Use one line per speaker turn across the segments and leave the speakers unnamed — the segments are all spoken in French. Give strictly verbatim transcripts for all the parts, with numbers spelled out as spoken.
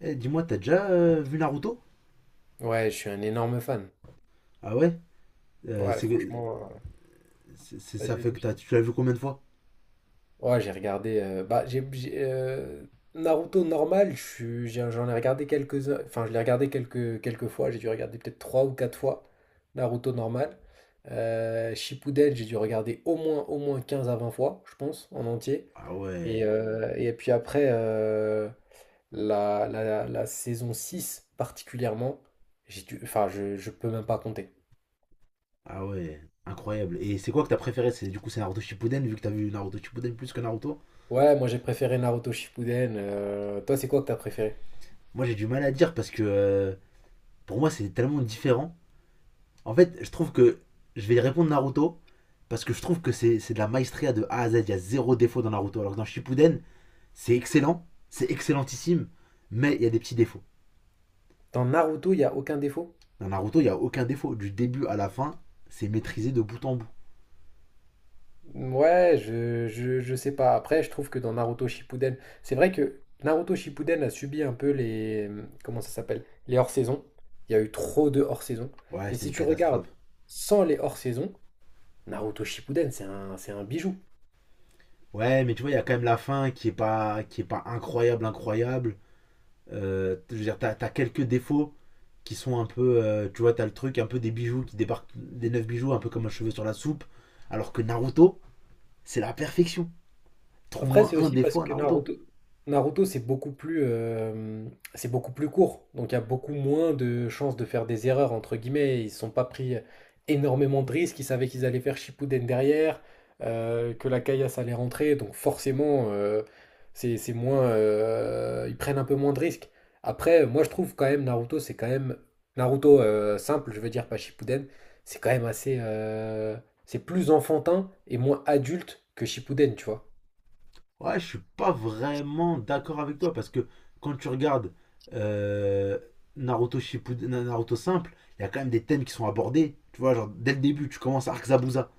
Eh, dis-moi, t'as déjà euh, vu Naruto?
Ouais, je suis un énorme fan.
Ah ouais? Euh,
Ouais,
c'est, que-
franchement, euh,
c'est- c'est- Ça
vas-y,
fait
vas-y.
que
Je
t'as,
t'en
tu l'as vu combien de fois?
Ouais, j'ai regardé. euh, bah, j'ai, j'ai, euh, Naruto normal, je suis- j'ai- j'en ai regardé quelques, enfin, je l'ai regardé quelques, quelques fois. J'ai dû regarder peut-être trois ou quatre fois Naruto normal. Euh, Shippuden, j'ai dû regarder au moins, au moins quinze à vingt fois, je pense, en entier.
Ah
Et,
ouais,
euh, et puis après, euh, la, la, la saison six particulièrement, j'ai dû, enfin, je, je peux même pas compter.
ah ouais, incroyable. Et c'est quoi que t'as préféré? C'est, du coup, c'est Naruto Shippuden, vu que t'as vu Naruto Shippuden plus que Naruto?
Ouais, moi j'ai préféré Naruto Shippuden. euh, toi, c'est quoi que t'as préféré?
Moi, j'ai du mal à dire parce que euh, pour moi, c'est tellement différent. En fait, je trouve que je vais répondre Naruto parce que je trouve que c'est, c'est de la maestria de A à Z. Il y a zéro défaut dans Naruto. Alors que dans Shippuden, c'est excellent, c'est excellentissime, mais il y a des petits défauts.
Dans Naruto, il n'y a aucun défaut?
Dans Naruto, il n'y a aucun défaut. Du début à la fin, c'est maîtrisé de bout en bout.
Ouais, je, je, je sais pas. Après, je trouve que dans Naruto Shippuden, c'est vrai que Naruto Shippuden a subi un peu les... mmh, Comment ça s'appelle? Les hors-saisons. Il y a eu trop de hors-saisons.
Ouais,
Mais
c'était
si
une
tu regardes
catastrophe.
sans les hors-saisons, Naruto Shippuden, c'est un, c'est un bijou.
Ouais, mais tu vois, il y a quand même la fin qui est pas, qui est pas incroyable, incroyable. Euh, je veux dire, t'as as quelques défauts qui sont un peu. Euh, tu vois, t'as le truc, un peu des bijoux qui débarquent, des neuf bijoux, un peu comme un cheveu sur la soupe. Alors que Naruto, c'est la perfection.
Après,
Trouve-moi
c'est
un
aussi parce
défaut à
que
Naruto.
Naruto, Naruto, c'est beaucoup plus, euh, c'est beaucoup plus court. Donc, il y a beaucoup moins de chances de faire des erreurs, entre guillemets. Ils ne se sont pas pris énormément de risques. Ils savaient qu'ils allaient faire Shippuden derrière, euh, que la caillasse allait rentrer. Donc, forcément, euh, c'est, c'est moins, euh, ils prennent un peu moins de risques. Après, moi, je trouve quand même Naruto, c'est quand même Naruto euh, simple, je veux dire, pas Shippuden. C'est quand même assez, euh, c'est plus enfantin et moins adulte que Shippuden, tu vois.
Ouais, je suis pas vraiment d'accord avec toi parce que quand tu regardes euh, Naruto Shippuden, Na- Naruto simple, il y a quand même des thèmes qui sont abordés. Tu vois, genre dès le début, tu commences Arc Zabuza.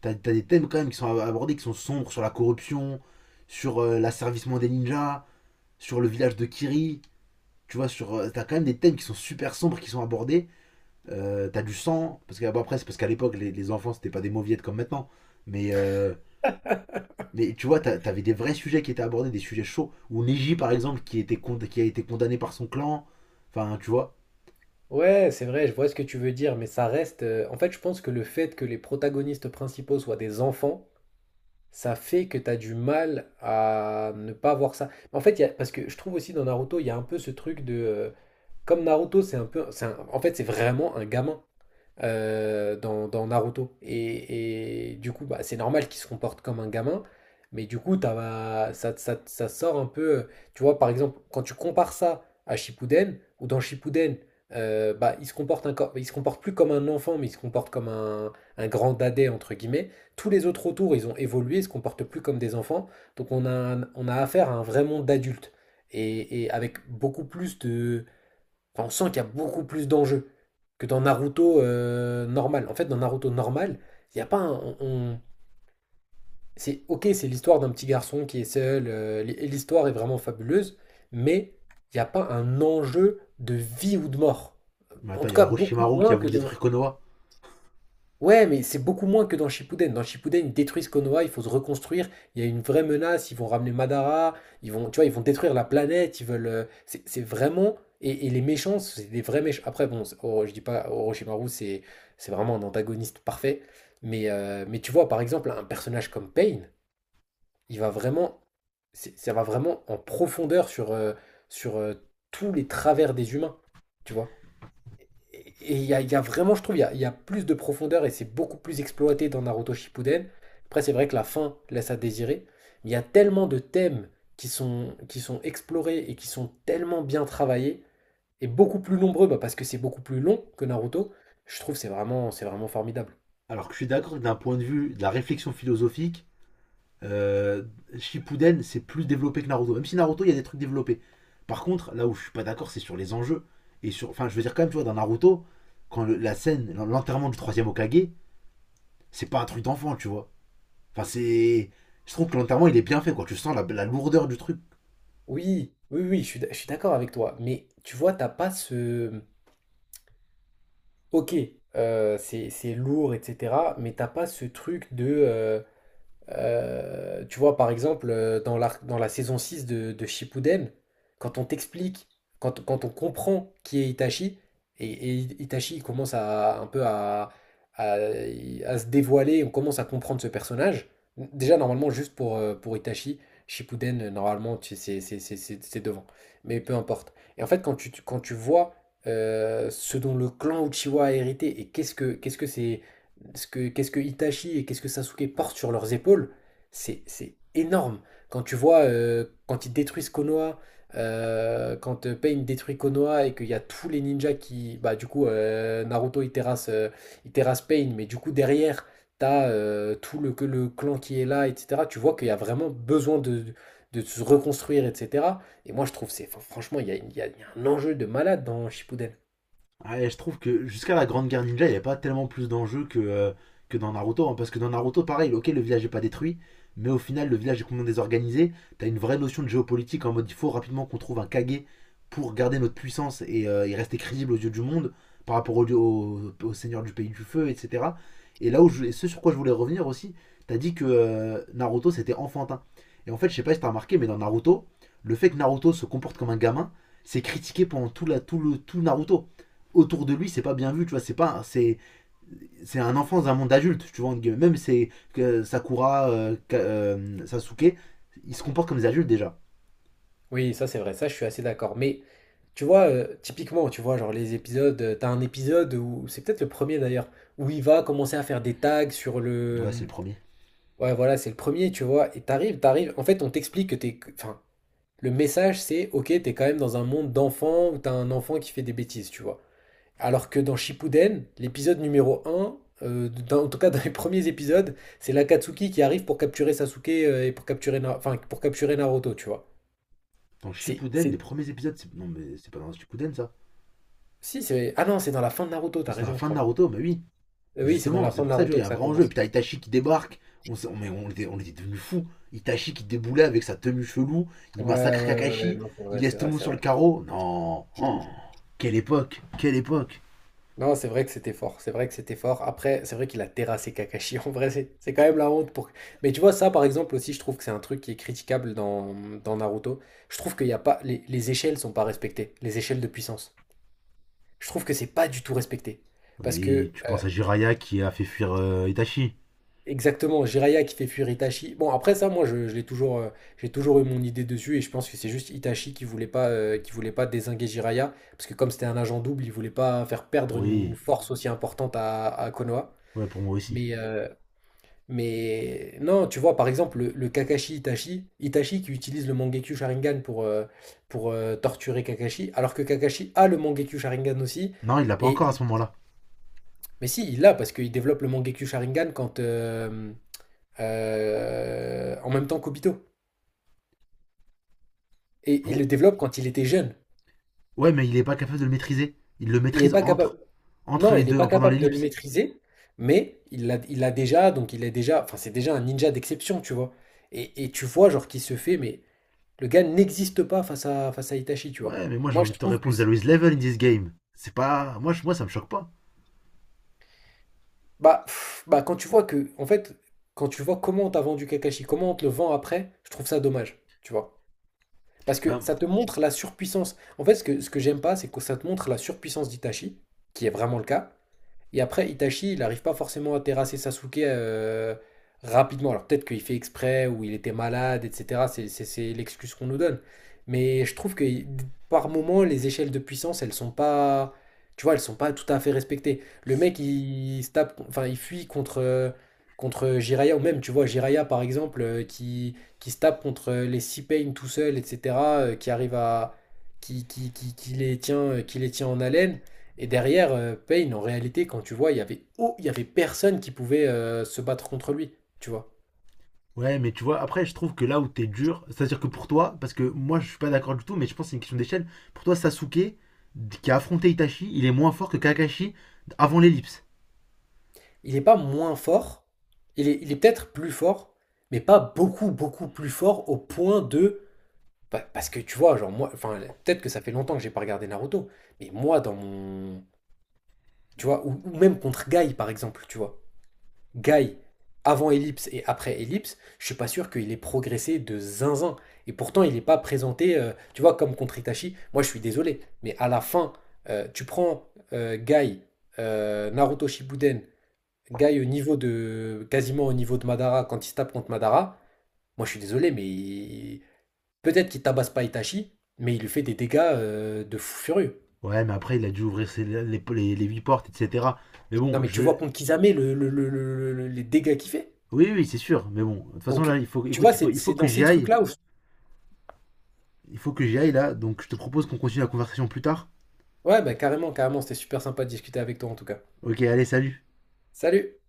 T'as, t'as des thèmes quand même qui sont abordés, qui sont sombres sur la corruption, sur euh, l'asservissement des ninjas, sur le village de Kiri. Tu vois, sur, euh, t'as quand même des thèmes qui sont super sombres, qui sont abordés. Euh, t'as du sang, parce que bon, après, c'est parce qu'à l'époque, les, les enfants, c'était pas des mauviettes comme maintenant. Mais euh, mais tu vois, t'a- t'avais des vrais sujets qui étaient abordés, des sujets chauds. Ou Neji, par exemple, qui, était con- qui a été condamné par son clan. Enfin, tu vois.
Ouais, c'est vrai, je vois ce que tu veux dire, mais ça reste. euh, En fait, je pense que le fait que les protagonistes principaux soient des enfants, ça fait que t'as du mal à ne pas voir ça. En fait, il y a... parce que je trouve aussi dans Naruto, il y a un peu ce truc de. euh, Comme Naruto, c'est un peu. c'est un- En fait, c'est vraiment un gamin euh, dans, dans Naruto. Et, et du coup, bah, c'est normal qu'il se comporte comme un gamin, mais du coup, t'as- ça, ça, ça sort un peu. euh, Tu vois, par exemple, quand tu compares ça à Shippuden, ou dans Shippuden, euh, bah, il se comporte encore, il se comporte plus comme un enfant, mais il se comporte comme un, un grand dadais, entre guillemets. Tous les autres autour, ils ont évolué, ils se comportent plus comme des enfants. Donc, on a, un- on a affaire à un vrai monde d'adultes. Et, et avec beaucoup plus de, Enfin, on sent qu'il y a beaucoup plus d'enjeux que dans Naruto euh, normal. En fait, dans Naruto normal, il n'y a pas un. on- on- C'est ok, c'est l'histoire d'un petit garçon qui est seul, euh, l'hi- l'histoire est vraiment fabuleuse, mais il n'y a pas un enjeu de vie ou de mort.
Mais
En
attends, il
tout
y a
cas, beaucoup
Orochimaru qui a
moins que
voulu
dans.
détruire Konoha.
Ouais, mais c'est beaucoup moins que dans Shippuden. Dans Shippuden, ils détruisent Konoha, il faut se reconstruire. Il y a une vraie menace. Ils vont ramener Madara. Ils vont, tu vois, ils vont détruire la planète. Ils veulent. euh, C'est c'est vraiment. Et, et les méchants, c'est des vrais méchants. Après, bon, c'est- Oro- je dis pas Orochimaru, c'est c'est vraiment un antagoniste parfait. Mais euh, mais tu vois, par exemple, un personnage comme Pain, il va vraiment, c'est- ça va vraiment en profondeur sur euh, sur euh, tous les travers des humains. Tu vois? Et il y a, y a vraiment, je trouve, il y a, y a plus de profondeur et c'est beaucoup plus exploité dans Naruto Shippuden. Après, c'est vrai que la fin laisse à désirer. Mais il y a tellement de thèmes qui sont, qui sont explorés et qui sont tellement bien travaillés et beaucoup plus nombreux bah, parce que c'est beaucoup plus long que Naruto. Je trouve que c'est vraiment, c'est vraiment formidable.
Alors que je suis d'accord que d'un point de vue de la réflexion philosophique, euh, Shippuden, c'est plus développé que Naruto. Même si Naruto, il y a des trucs développés. Par contre, là où je suis pas d'accord, c'est sur les enjeux. Et sur, enfin, je veux dire quand même, tu vois, dans Naruto, quand le- la scène, l'enterrement du troisième Hokage c'est pas un truc d'enfant, tu vois. Enfin, c'est, je trouve que l'enterrement, il est bien fait, quoi. Tu sens la, la lourdeur du truc.
Oui, oui, oui, je suis, d- je suis d'accord avec toi. Mais tu vois, t'as pas ce. Ok, euh, c'est, c'est lourd, et cetera. Mais t'as pas ce truc de. euh, Euh, tu vois, par exemple, euh, dans la, dans la saison six de, de Shippuden, quand on t'explique, quand, quand on comprend qui est Itachi, et, et Itachi il commence à un peu à, à, à se dévoiler, on commence à comprendre ce personnage. Déjà, normalement, juste pour, euh, pour Itachi, Shippuden, euh, normalement, tu- c'est c'est- c'est- c'est- c'est devant. Mais peu importe. Et en fait, quand tu, tu- quand tu vois euh, ce dont le clan Uchiwa a hérité et qu'est-ce que qu'est-ce que c'est ce que- qu'est-ce que Itachi et qu'est-ce que Sasuke portent sur leurs épaules, c'est c'est énorme. Quand tu vois, euh, quand ils détruisent Konoha, euh, quand euh, Pain détruit Konoha et qu'il y a tous les ninjas qui... Bah du coup, euh, Naruto, il terrasse, euh, il terrasse Pain, mais du coup, derrière, t'as euh, tout le, que le clan qui est là, et cetera. Tu vois qu'il y a vraiment besoin de, de se reconstruire, et cetera. Et moi, je trouve, c'est, enfin, franchement, il y a, il y a- il y a un enjeu de malade dans Shippuden.
Ouais, je trouve que jusqu'à la Grande Guerre Ninja, il n'y a pas tellement plus d'enjeux que, euh, que dans Naruto. Hein, parce que dans Naruto, pareil, ok, le village n'est pas détruit, mais au final, le village est complètement désorganisé. T'as une vraie notion de géopolitique en mode il faut rapidement qu'on trouve un Kage pour garder notre puissance et, euh, et rester crédible aux yeux du monde par rapport au, au, au seigneur du pays du feu, et cetera. Et là où je- et ce sur quoi je voulais revenir aussi, t'as dit que euh, Naruto c'était enfantin. Et en fait, je sais pas si t'as remarqué, mais dans Naruto, le fait que Naruto se comporte comme un gamin, c'est critiqué pendant tout, la, tout, le, tout Naruto autour de lui, c'est pas bien vu, tu vois, c'est pas c'est c'est un enfant dans un monde adulte, tu vois, même c'est que Sakura euh, euh, Sasuke, ils se comportent comme des adultes déjà.
Oui, ça c'est vrai, ça je suis assez d'accord. Mais tu vois, euh, typiquement, tu vois, genre les épisodes, euh, t'as un épisode où, c'est peut-être le premier d'ailleurs, où il va commencer à faire des tags sur le...
Ouais, c'est le
euh,
premier.
Ouais, voilà, c'est le premier, tu vois, et t'arrives, t'arrives, en fait on t'explique que t'es... que- Enfin, le message c'est, ok, t'es quand même dans un monde d'enfants où t'as un enfant qui fait des bêtises, tu vois. Alors que dans Shippuden, l'épisode numéro un, euh, dans- en tout cas dans les premiers épisodes, c'est l'Akatsuki qui arrive pour capturer Sasuke euh, et pour capturer, Na- enfin, pour capturer Naruto, tu vois.
Dans
C'est
Shippuden, les
c'est-
premiers épisodes, non mais c'est pas dans Shippuden ça.
Si, c'est ah non, c'est dans la fin de Naruto, t'as
C'est dans la
raison, je
fin de
crois.
Naruto, mais oui.
Euh, Oui, c'est dans
Justement,
la
c'est
fin de
pour ça tu vois, il
Naruto
y
que
a un
ça
vrai enjeu et
commence.
puis t'as Itachi qui débarque. On on, mais on était on était devenu fou. Itachi qui déboulait avec sa tenue chelou, il
Ouais, ouais,
massacre
ouais, ouais, ouais,
Kakashi,
non, c'est
il
vrai, c'est
laisse tout
vrai,
le monde
c'est
sur le
vrai.
carreau. Non. Oh, quelle époque, quelle époque.
Non, c'est vrai que c'était fort, c'est vrai que c'était fort. Après, c'est vrai qu'il a terrassé Kakashi. En vrai, c'est c'est quand même la honte pour. Mais tu vois, ça, par exemple, aussi, je trouve que c'est un truc qui est critiquable dans, dans Naruto. Je trouve qu'il y a pas. Les, les échelles sont pas respectées, les échelles de puissance. Je trouve que c'est pas du tout respecté. Parce
Oui,
que,
tu penses
euh,
à Jiraya qui a fait fuir euh, Itachi.
Exactement, Jiraiya qui fait fuir Itachi. Bon, après ça, moi, je, je l'ai toujours, euh, j'ai toujours eu mon idée dessus et je pense que c'est juste Itachi qui voulait pas, euh, qui voulait pas désinguer Jiraiya parce que comme c'était un agent double, il voulait pas faire perdre une
Oui,
force aussi importante à, à Konoha.
ouais, pour moi aussi.
Mais, euh, mais non, tu vois, par exemple, le, le Kakashi Itachi, Itachi qui utilise le Mangekyou Sharingan pour, euh, pour euh, torturer Kakashi, alors que Kakashi a le Mangekyou Sharingan aussi.
Non, il l'a pas
Et,
encore à ce moment-là.
mais si, il l'a parce qu'il développe le Mangekyou Sharingan quand. euh, euh, en même temps qu'Obito. Et il le
Pour-
développe quand il était jeune.
Ouais, mais il est pas capable de le maîtriser. Il le
Il n'est
maîtrise
pas
entre,
capable.
entre
Non,
les
il n'est pas
deux, pendant
capable de le
l'ellipse.
maîtriser, mais il l'a il l'a déjà, donc il est déjà. Enfin, c'est déjà un ninja d'exception, tu vois. Et, et tu vois, genre, qui se fait, mais le gars n'existe pas face à, face à Itachi, tu vois.
Ouais, mais moi
Et
j'ai
moi,
envie
je
de te
trouve que.
répondre,
c'est-
there is level in this game. C'est pas. Moi, je- moi ça me choque pas.
Bah, pff, bah, quand tu vois que. En fait, quand tu vois comment on t'a vendu Kakashi, comment on te le vend après, je trouve ça dommage, tu vois. Parce que
Non,
ça te montre la surpuissance. En fait, ce que, ce que j'aime pas, c'est que ça te montre la surpuissance d'Itachi, qui est vraiment le cas, et après, Itachi, il n'arrive pas forcément à terrasser Sasuke euh, rapidement. Alors peut-être qu'il fait exprès ou il était malade, et cetera. C'est c'est- c'est l'excuse qu'on nous donne. Mais je trouve que par moment, les échelles de puissance, elles sont pas, tu vois, elles sont pas tout à fait respectées. Le
c'est-
mec, il, se tape, enfin, il fuit contre euh, contre Jiraiya ou même, tu vois, Jiraiya par exemple, euh, qui qui se tape contre euh, les Pain tout seul, et cetera euh, qui arrive à qui, qui, qui, qui les tient, euh, qui les tient en haleine. Et derrière, euh, Payne, en réalité, quand tu vois, il y avait, oh, il y avait personne qui pouvait euh, se battre contre lui, tu vois.
ouais, mais tu vois, après, je trouve que là où t'es dur, c'est-à-dire que pour toi, parce que moi je suis pas d'accord du tout, mais je pense que c'est une question d'échelle. Pour toi, Sasuke, qui a affronté Itachi, il est moins fort que Kakashi avant l'ellipse.
Il n'est pas moins fort, il est, il est peut-être plus fort, mais pas beaucoup, beaucoup plus fort au point de... bah, parce que tu vois, genre moi, enfin, peut-être que ça fait longtemps que j'ai pas regardé Naruto, mais moi, dans mon... Tu vois, ou, ou même contre Guy, par exemple, tu vois. Guy, avant Ellipse et après Ellipse, je suis pas sûr qu'il ait progressé de zinzin. Et pourtant, il n'est pas présenté, euh, tu vois, comme contre Itachi. Moi, je suis désolé, mais à la fin, euh, tu prends euh, Guy, euh, Naruto Shippuden, Guy au niveau de, quasiment au niveau de Madara, quand il se tape contre Madara. Moi, je suis désolé, mais il- peut-être qu'il tabasse pas Itachi, mais il lui fait des dégâts euh, de fou furieux.
Ouais, mais après, il a dû ouvrir ses- les, les, les huit portes, et cetera. Mais
Non,
bon,
mais tu vois
je.
contre Kisame le- le- le- le- le- les dégâts qu'il fait.
Oui, oui, c'est sûr. Mais bon, de toute façon, là,
Donc,
il faut.
tu
Écoute,
vois,
il faut,
c'est
il
c'est
faut que
dans
j'y
ces
aille.
trucs-là où je
Il faut que j'y aille, là. Donc, je te propose qu'on continue la conversation plus tard.
Ouais, bah carrément, carrément, c'était super sympa de discuter avec toi en tout cas.
Ok, allez, salut.
Salut!